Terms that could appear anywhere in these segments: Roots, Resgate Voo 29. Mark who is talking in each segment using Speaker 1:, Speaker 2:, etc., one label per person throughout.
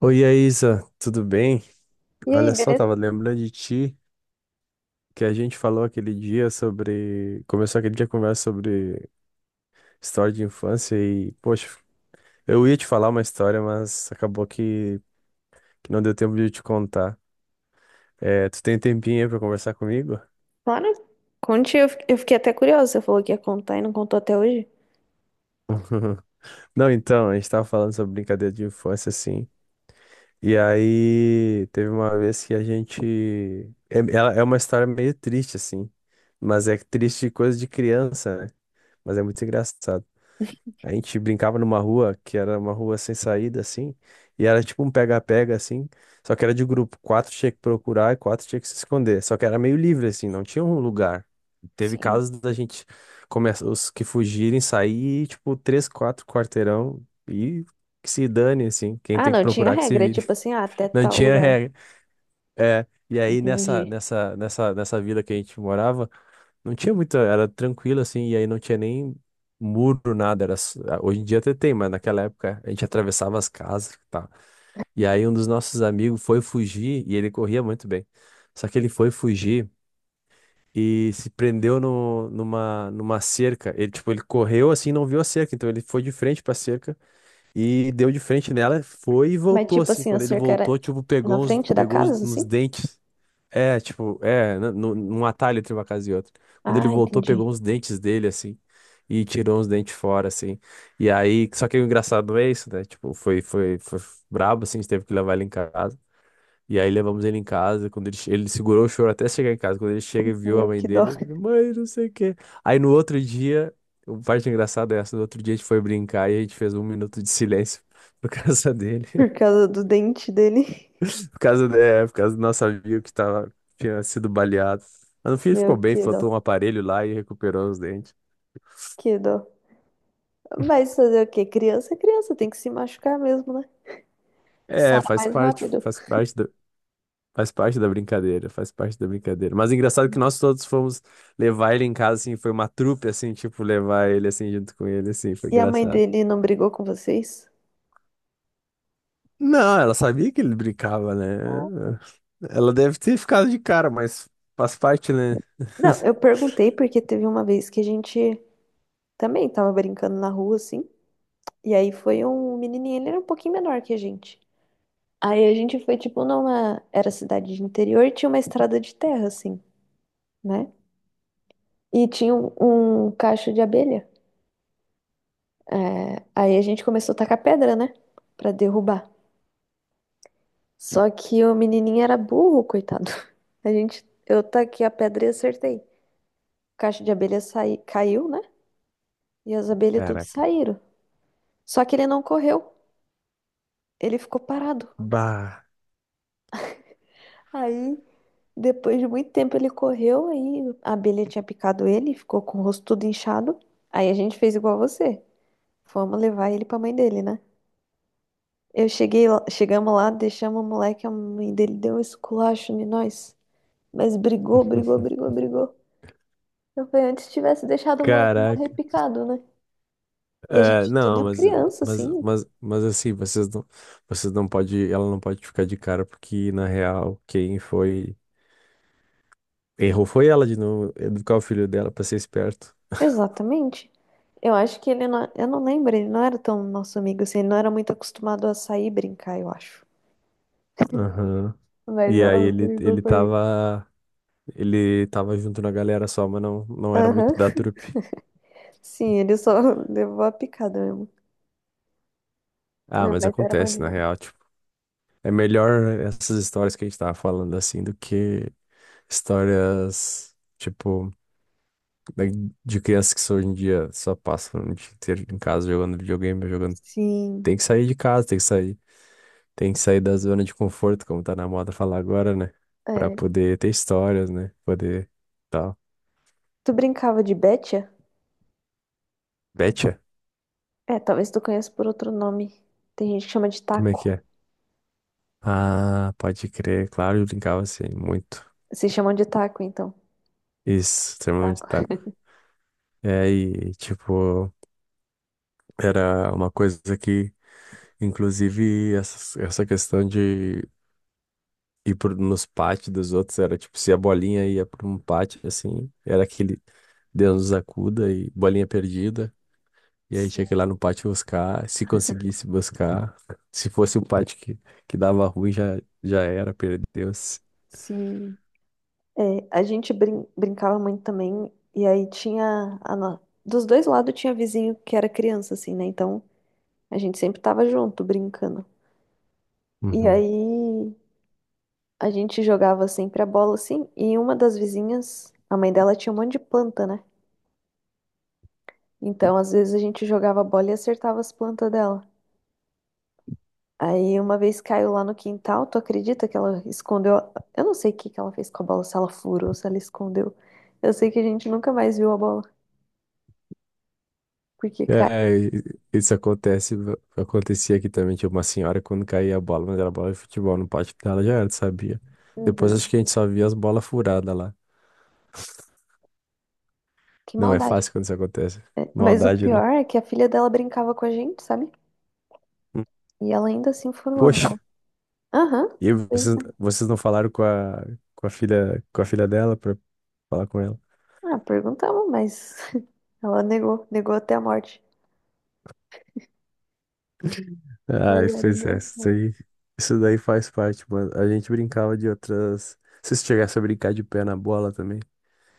Speaker 1: Oi, Isa, tudo bem?
Speaker 2: E aí,
Speaker 1: Olha só,
Speaker 2: beleza?
Speaker 1: tava lembrando de ti que a gente falou aquele dia sobre. Começou aquele dia a conversa sobre história de infância e, poxa, eu ia te falar uma história, mas acabou que não deu tempo de eu te contar. É, tu tem um tempinho aí pra conversar comigo?
Speaker 2: Claro. Conte, eu fiquei até curiosa. Você falou que ia contar e não contou até hoje.
Speaker 1: Não, então, a gente tava falando sobre brincadeira de infância, assim. E aí, teve uma vez que a gente. É, ela é uma história meio triste, assim. Mas é triste de coisa de criança, né? Mas é muito engraçado. A gente brincava numa rua que era uma rua sem saída, assim, e era tipo um pega-pega, assim, só que era de grupo. Quatro tinha que procurar e quatro tinha que se esconder. Só que era meio livre, assim, não tinha um lugar. Teve
Speaker 2: Sim.
Speaker 1: casos da gente começar, os que fugirem, sair, tipo, 3, 4 quarteirão e que se dane, assim, quem
Speaker 2: Ah,
Speaker 1: tem que
Speaker 2: não, tinha
Speaker 1: procurar que se
Speaker 2: regra,
Speaker 1: vire.
Speaker 2: tipo assim, ah, até
Speaker 1: Não
Speaker 2: tal
Speaker 1: tinha
Speaker 2: lugar.
Speaker 1: regra. É, e aí nessa,
Speaker 2: Entendi.
Speaker 1: nessa, nessa, nessa vila que a gente morava, não tinha muita, era tranquilo assim, e aí não tinha nem muro, nada. Era, hoje em dia até tem, mas naquela época a gente atravessava as casas e tal. E aí um dos nossos amigos foi fugir, e ele corria muito bem. Só que ele foi fugir e se prendeu no, numa, numa cerca. Ele, tipo, ele correu assim, não viu a cerca, então ele foi de frente pra cerca e deu de frente nela, foi e
Speaker 2: Mas
Speaker 1: voltou
Speaker 2: tipo
Speaker 1: assim.
Speaker 2: assim, a
Speaker 1: Quando ele
Speaker 2: cerca era
Speaker 1: voltou, tipo,
Speaker 2: na
Speaker 1: pegou uns,
Speaker 2: frente da
Speaker 1: pegou uns,
Speaker 2: casa,
Speaker 1: uns
Speaker 2: assim?
Speaker 1: dentes. É, tipo, é, né, num atalho entre uma casa e outra. Quando ele
Speaker 2: Ah,
Speaker 1: voltou, pegou
Speaker 2: entendi.
Speaker 1: uns dentes dele, assim, e tirou uns dentes fora, assim. E aí, só que o engraçado é isso, né? Tipo, foi brabo, assim, a gente teve que levar ele em casa. E aí levamos ele em casa, quando ele segurou o choro até chegar em casa. Quando ele chega e viu a
Speaker 2: Meu,
Speaker 1: mãe
Speaker 2: que dó.
Speaker 1: dele, ele, mãe, não sei o quê. Aí no outro dia, o parte engraçada é essa, no outro dia a gente foi brincar e a gente fez um minuto de silêncio por causa dele.
Speaker 2: Por causa do dente dele.
Speaker 1: Por causa, é, por causa do nosso amigo que tava, tinha sido baleado. Mas no fim ele ficou
Speaker 2: Meu,
Speaker 1: bem,
Speaker 2: que
Speaker 1: faltou
Speaker 2: dó,
Speaker 1: um aparelho lá e recuperou os dentes.
Speaker 2: que dó. Mas fazer o quê? Criança é criança, tem que se machucar mesmo, né?
Speaker 1: É,
Speaker 2: Sara
Speaker 1: faz
Speaker 2: mais
Speaker 1: parte,
Speaker 2: rápido.
Speaker 1: faz parte da brincadeira, faz parte da brincadeira. Mas engraçado que nós todos fomos levar ele em casa, assim, foi uma trupe, assim, tipo, levar ele, assim, junto com ele, assim, foi
Speaker 2: E a mãe
Speaker 1: engraçado.
Speaker 2: dele não brigou com vocês?
Speaker 1: Não, ela sabia que ele brincava,
Speaker 2: Ah.
Speaker 1: né? Ela deve ter ficado de cara, mas faz parte, né?
Speaker 2: Não, eu perguntei porque teve uma vez que a gente também tava brincando na rua, assim. E aí foi um menininho, ele era um pouquinho menor que a gente. Aí a gente foi, tipo, numa... Era cidade de interior e tinha uma estrada de terra, assim, né? E tinha um cacho de abelha. É, aí a gente começou a tacar pedra, né? Pra derrubar. Só que o menininho era burro, coitado. A gente, eu taquei a pedra e acertei. Caixa de abelha saí, caiu, né? E as abelhas tudo
Speaker 1: Caraca.
Speaker 2: saíram. Só que ele não correu, ele ficou parado.
Speaker 1: Bah.
Speaker 2: Aí, depois de muito tempo, ele correu, aí a abelha tinha picado ele, ficou com o rosto tudo inchado. Aí a gente fez igual você. Fomos levar ele pra mãe dele, né? Eu cheguei, chegamos lá, deixamos o moleque, a mãe dele deu um esculacho em nós. Mas brigou, brigou, brigou, brigou. Eu falei, antes tivesse deixado o moleque morrer
Speaker 1: Caraca.
Speaker 2: picado, né? E a
Speaker 1: É,
Speaker 2: gente
Speaker 1: não,
Speaker 2: tudo
Speaker 1: mas,
Speaker 2: criança,
Speaker 1: mas,
Speaker 2: assim.
Speaker 1: mas, mas assim, vocês não pode, ela não pode ficar de cara, porque na real, quem foi, errou foi ela de não educar o filho dela pra ser esperto.
Speaker 2: Exatamente. Eu acho que ele não... Eu não lembro, ele não era tão nosso amigo, assim. Ele não era muito acostumado a sair e brincar, eu acho.
Speaker 1: Aham.
Speaker 2: Mas
Speaker 1: E aí
Speaker 2: ela
Speaker 1: ele,
Speaker 2: brigou com a gente.
Speaker 1: ele tava junto na galera só, mas não, não era muito
Speaker 2: Aham.
Speaker 1: da trupe.
Speaker 2: Sim, ele só levou a picada mesmo.
Speaker 1: Ah,
Speaker 2: Meu,
Speaker 1: mas
Speaker 2: mas era bom
Speaker 1: acontece, na
Speaker 2: demais.
Speaker 1: real, tipo, é melhor essas histórias que a gente tava falando assim do que histórias, tipo, da- de crianças que só hoje em dia só passam o dia inteiro em casa jogando videogame, jogando
Speaker 2: Sim.
Speaker 1: Tem que sair de casa, tem que sair da zona de conforto, como tá na moda falar agora, né? Pra
Speaker 2: É.
Speaker 1: poder ter histórias, né? Poder tal.
Speaker 2: Tu brincava de Betia?
Speaker 1: Betcha?
Speaker 2: É, talvez tu conheça por outro nome. Tem gente que chama de
Speaker 1: Como é que
Speaker 2: taco.
Speaker 1: é? Ah, pode crer, claro, eu brincava assim, muito.
Speaker 2: Se chamam de taco, então.
Speaker 1: Isso, extremamente
Speaker 2: Taco.
Speaker 1: taco. É, e tipo, era uma coisa que, inclusive, essa questão de ir por, nos pátios dos outros, era tipo, se a bolinha ia pra um pátio, assim, era aquele Deus nos acuda e bolinha perdida. E aí
Speaker 2: Sim,
Speaker 1: tinha que ir lá no pátio buscar, se conseguisse buscar. Se fosse o pátio que dava ruim, já era, perdeu-se.
Speaker 2: sim. É, a gente brincava muito também, e aí tinha a dos dois lados tinha vizinho que era criança, assim, né? Então a gente sempre tava junto, brincando. E
Speaker 1: Uhum.
Speaker 2: aí a gente jogava sempre a bola, assim, e uma das vizinhas, a mãe dela tinha um monte de planta, né? Então às vezes a gente jogava a bola e acertava as plantas dela. Aí uma vez caiu lá no quintal, tu acredita que ela escondeu? Eu não sei o que que ela fez com a bola, se ela furou, se ela escondeu. Eu sei que a gente nunca mais viu a bola, porque caiu.
Speaker 1: É, isso acontece, acontecia aqui também, tinha uma senhora quando caía a bola, mas era bola de futebol no pátio dela, já era, sabia? Depois acho que a gente só via as bolas furadas lá.
Speaker 2: Que
Speaker 1: Não é
Speaker 2: maldade.
Speaker 1: fácil quando isso acontece.
Speaker 2: É, mas o
Speaker 1: Maldade, né?
Speaker 2: pior é que a filha dela brincava com a gente, sabe?
Speaker 1: Hum.
Speaker 2: E ela ainda assim furou a
Speaker 1: Poxa,
Speaker 2: bola. Aham,
Speaker 1: e
Speaker 2: pois
Speaker 1: vocês,
Speaker 2: é.
Speaker 1: vocês não falaram com a filha, com a filha dela pra falar com ela?
Speaker 2: Ah, perguntamos, mas ela negou, negou até a morte. Mas
Speaker 1: Ai,
Speaker 2: era
Speaker 1: pois é,
Speaker 2: engraçado.
Speaker 1: isso daí faz parte, mano. A gente brincava de outras. Se você chegasse a brincar de pé na bola também.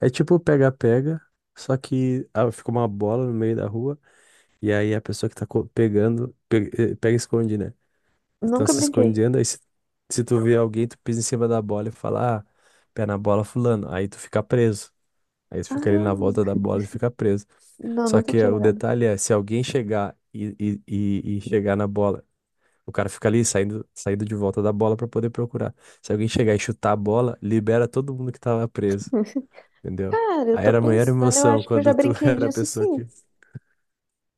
Speaker 1: É tipo pega-pega, só que ah, fica uma bola no meio da rua, e aí a pessoa que tá pega, e esconde, né? Então
Speaker 2: Nunca
Speaker 1: se
Speaker 2: brinquei.
Speaker 1: escondendo, aí se tu vê alguém, tu pisa em cima da bola e fala, ah, pé na bola, fulano. Aí tu fica preso. Aí tu fica ali na
Speaker 2: Ah,
Speaker 1: volta da bola e fica preso.
Speaker 2: não,
Speaker 1: Só
Speaker 2: nunca
Speaker 1: que
Speaker 2: tinha
Speaker 1: o
Speaker 2: jogado.
Speaker 1: detalhe é, se alguém chegar e chegar na bola o cara fica ali saindo, saindo de volta da bola pra poder procurar. Se alguém chegar e chutar a bola, libera todo mundo que tava preso, entendeu?
Speaker 2: Cara, eu
Speaker 1: Aí
Speaker 2: tô
Speaker 1: era a maior
Speaker 2: pensando, eu
Speaker 1: emoção
Speaker 2: acho que eu já
Speaker 1: quando tu
Speaker 2: brinquei
Speaker 1: era a
Speaker 2: disso
Speaker 1: pessoa
Speaker 2: sim.
Speaker 1: que.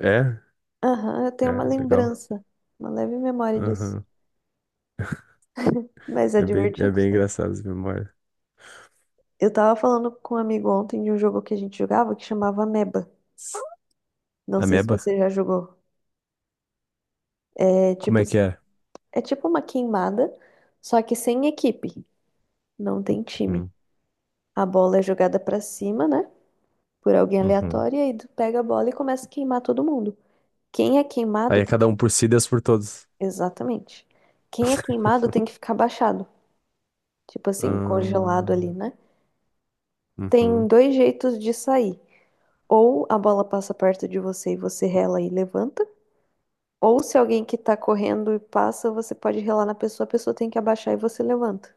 Speaker 1: É,
Speaker 2: Aham, eu tenho uma
Speaker 1: legal.
Speaker 2: lembrança, uma leve memória disso.
Speaker 1: Aham.
Speaker 2: Mas é
Speaker 1: É
Speaker 2: divertido,
Speaker 1: bem
Speaker 2: sim.
Speaker 1: engraçado as memórias.
Speaker 2: Eu tava falando com um amigo ontem de um jogo que a gente jogava que chamava Ameba. Não sei se
Speaker 1: Ameba?
Speaker 2: você já jogou. É
Speaker 1: Como
Speaker 2: tipo
Speaker 1: é
Speaker 2: assim.
Speaker 1: que é?
Speaker 2: É tipo uma queimada, só que sem equipe. Não tem time.
Speaker 1: Uhum.
Speaker 2: A bola é jogada pra cima, né? Por alguém
Speaker 1: Uhum.
Speaker 2: aleatório, e aí tu pega a bola e começa a queimar todo mundo. Quem é queimado
Speaker 1: Aí é
Speaker 2: tem
Speaker 1: cada
Speaker 2: que...
Speaker 1: um por si, Deus por todos.
Speaker 2: Exatamente. Quem é queimado tem que ficar abaixado. Tipo assim, congelado
Speaker 1: Ah,
Speaker 2: ali, né? Tem
Speaker 1: uhum.
Speaker 2: dois jeitos de sair. Ou a bola passa perto de você e você rela e levanta. Ou se alguém que tá correndo e passa, você pode relar na pessoa, a pessoa tem que abaixar e você levanta.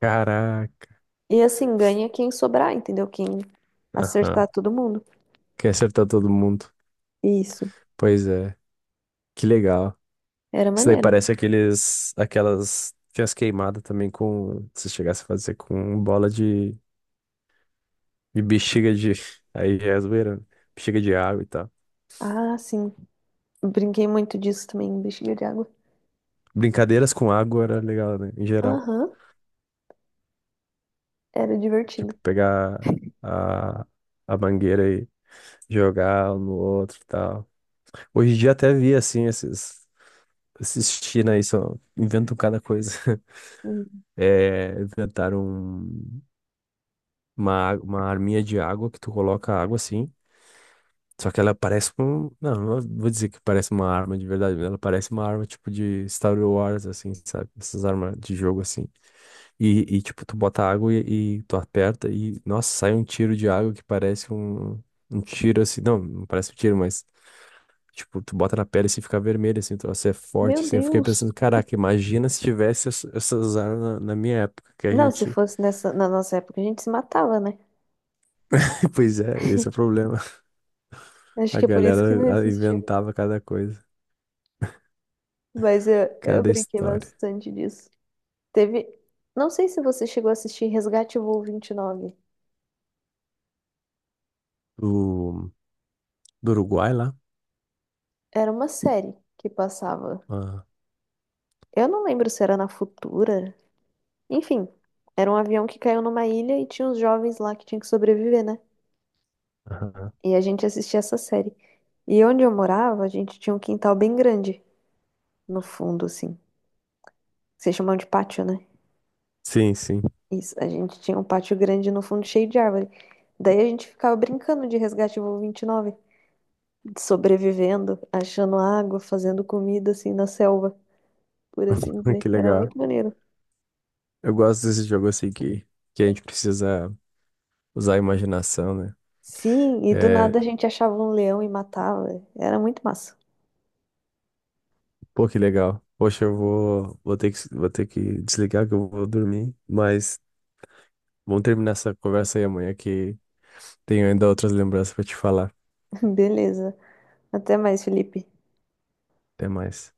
Speaker 1: Caraca.
Speaker 2: E assim, ganha quem sobrar, entendeu? Quem
Speaker 1: Aham.
Speaker 2: acertar todo mundo.
Speaker 1: Quer acertar todo mundo.
Speaker 2: Isso.
Speaker 1: Pois é. Que legal.
Speaker 2: Era
Speaker 1: Isso daí
Speaker 2: maneiro.
Speaker 1: parece aqueles, aquelas. Tinha as queimadas também com. Se chegasse a fazer com bola de bexiga de. Aí já é zoeira, né? Bexiga de água e tal.
Speaker 2: Ah, sim. Brinquei muito disso também, bexiga de água.
Speaker 1: Brincadeiras com água era legal, né? Em geral.
Speaker 2: Aham, era divertido.
Speaker 1: Tipo, pegar a, a mangueira e jogar um no outro e tal. Hoje em dia até vi, assim, esses. Esses China aí só inventam cada coisa.
Speaker 2: Hum.
Speaker 1: É, inventaram uma arminha de água que tu coloca água assim. Só que ela parece com. Não, não vou dizer que parece uma arma de verdade, mas ela parece uma arma tipo de Star Wars, assim, sabe? Essas armas de jogo, assim. E tipo, tu bota água e tu aperta e, nossa, sai um tiro de água que parece um, um tiro, assim. Não, não parece um tiro, mas, tipo, tu bota na pele e assim, fica vermelho, assim, então você é forte,
Speaker 2: Meu
Speaker 1: assim. Eu fiquei
Speaker 2: Deus.
Speaker 1: pensando, caraca, imagina se tivesse essas armas na minha época, que a
Speaker 2: Não, se
Speaker 1: gente.
Speaker 2: fosse nessa, na nossa época, a gente se matava, né?
Speaker 1: Pois é, esse é o problema.
Speaker 2: Acho
Speaker 1: A
Speaker 2: que é por isso
Speaker 1: galera
Speaker 2: que não
Speaker 1: ah,
Speaker 2: existia.
Speaker 1: inventava cada coisa,
Speaker 2: Mas eu
Speaker 1: cada
Speaker 2: brinquei
Speaker 1: história.
Speaker 2: bastante disso. Teve. Não sei se você chegou a assistir Resgate Voo 29.
Speaker 1: O Do Uruguai lá?
Speaker 2: Era uma série que passava.
Speaker 1: Ah,
Speaker 2: Eu não lembro se era na Futura. Enfim, era um avião que caiu numa ilha e tinha uns jovens lá que tinham que sobreviver, né?
Speaker 1: aham.
Speaker 2: E a gente assistia essa série. E onde eu morava, a gente tinha um quintal bem grande no fundo, assim. Vocês chamam de pátio, né?
Speaker 1: Sim, sim.
Speaker 2: Isso, a gente tinha um pátio grande no fundo cheio de árvore. Daí a gente ficava brincando de Resgate Voo 29 sobrevivendo, achando água, fazendo comida, assim, na selva, por assim dizer.
Speaker 1: Que
Speaker 2: Era
Speaker 1: legal.
Speaker 2: muito maneiro.
Speaker 1: Eu gosto desse jogo assim que a gente precisa usar a imaginação, né?
Speaker 2: Sim, e do
Speaker 1: É,
Speaker 2: nada a gente achava um leão e matava. Era muito massa.
Speaker 1: pô, que legal. Poxa, eu vou, vou ter que desligar que eu vou dormir, mas vamos terminar essa conversa aí amanhã que tenho ainda outras lembranças pra te falar.
Speaker 2: Beleza. Até mais, Felipe.
Speaker 1: Até mais.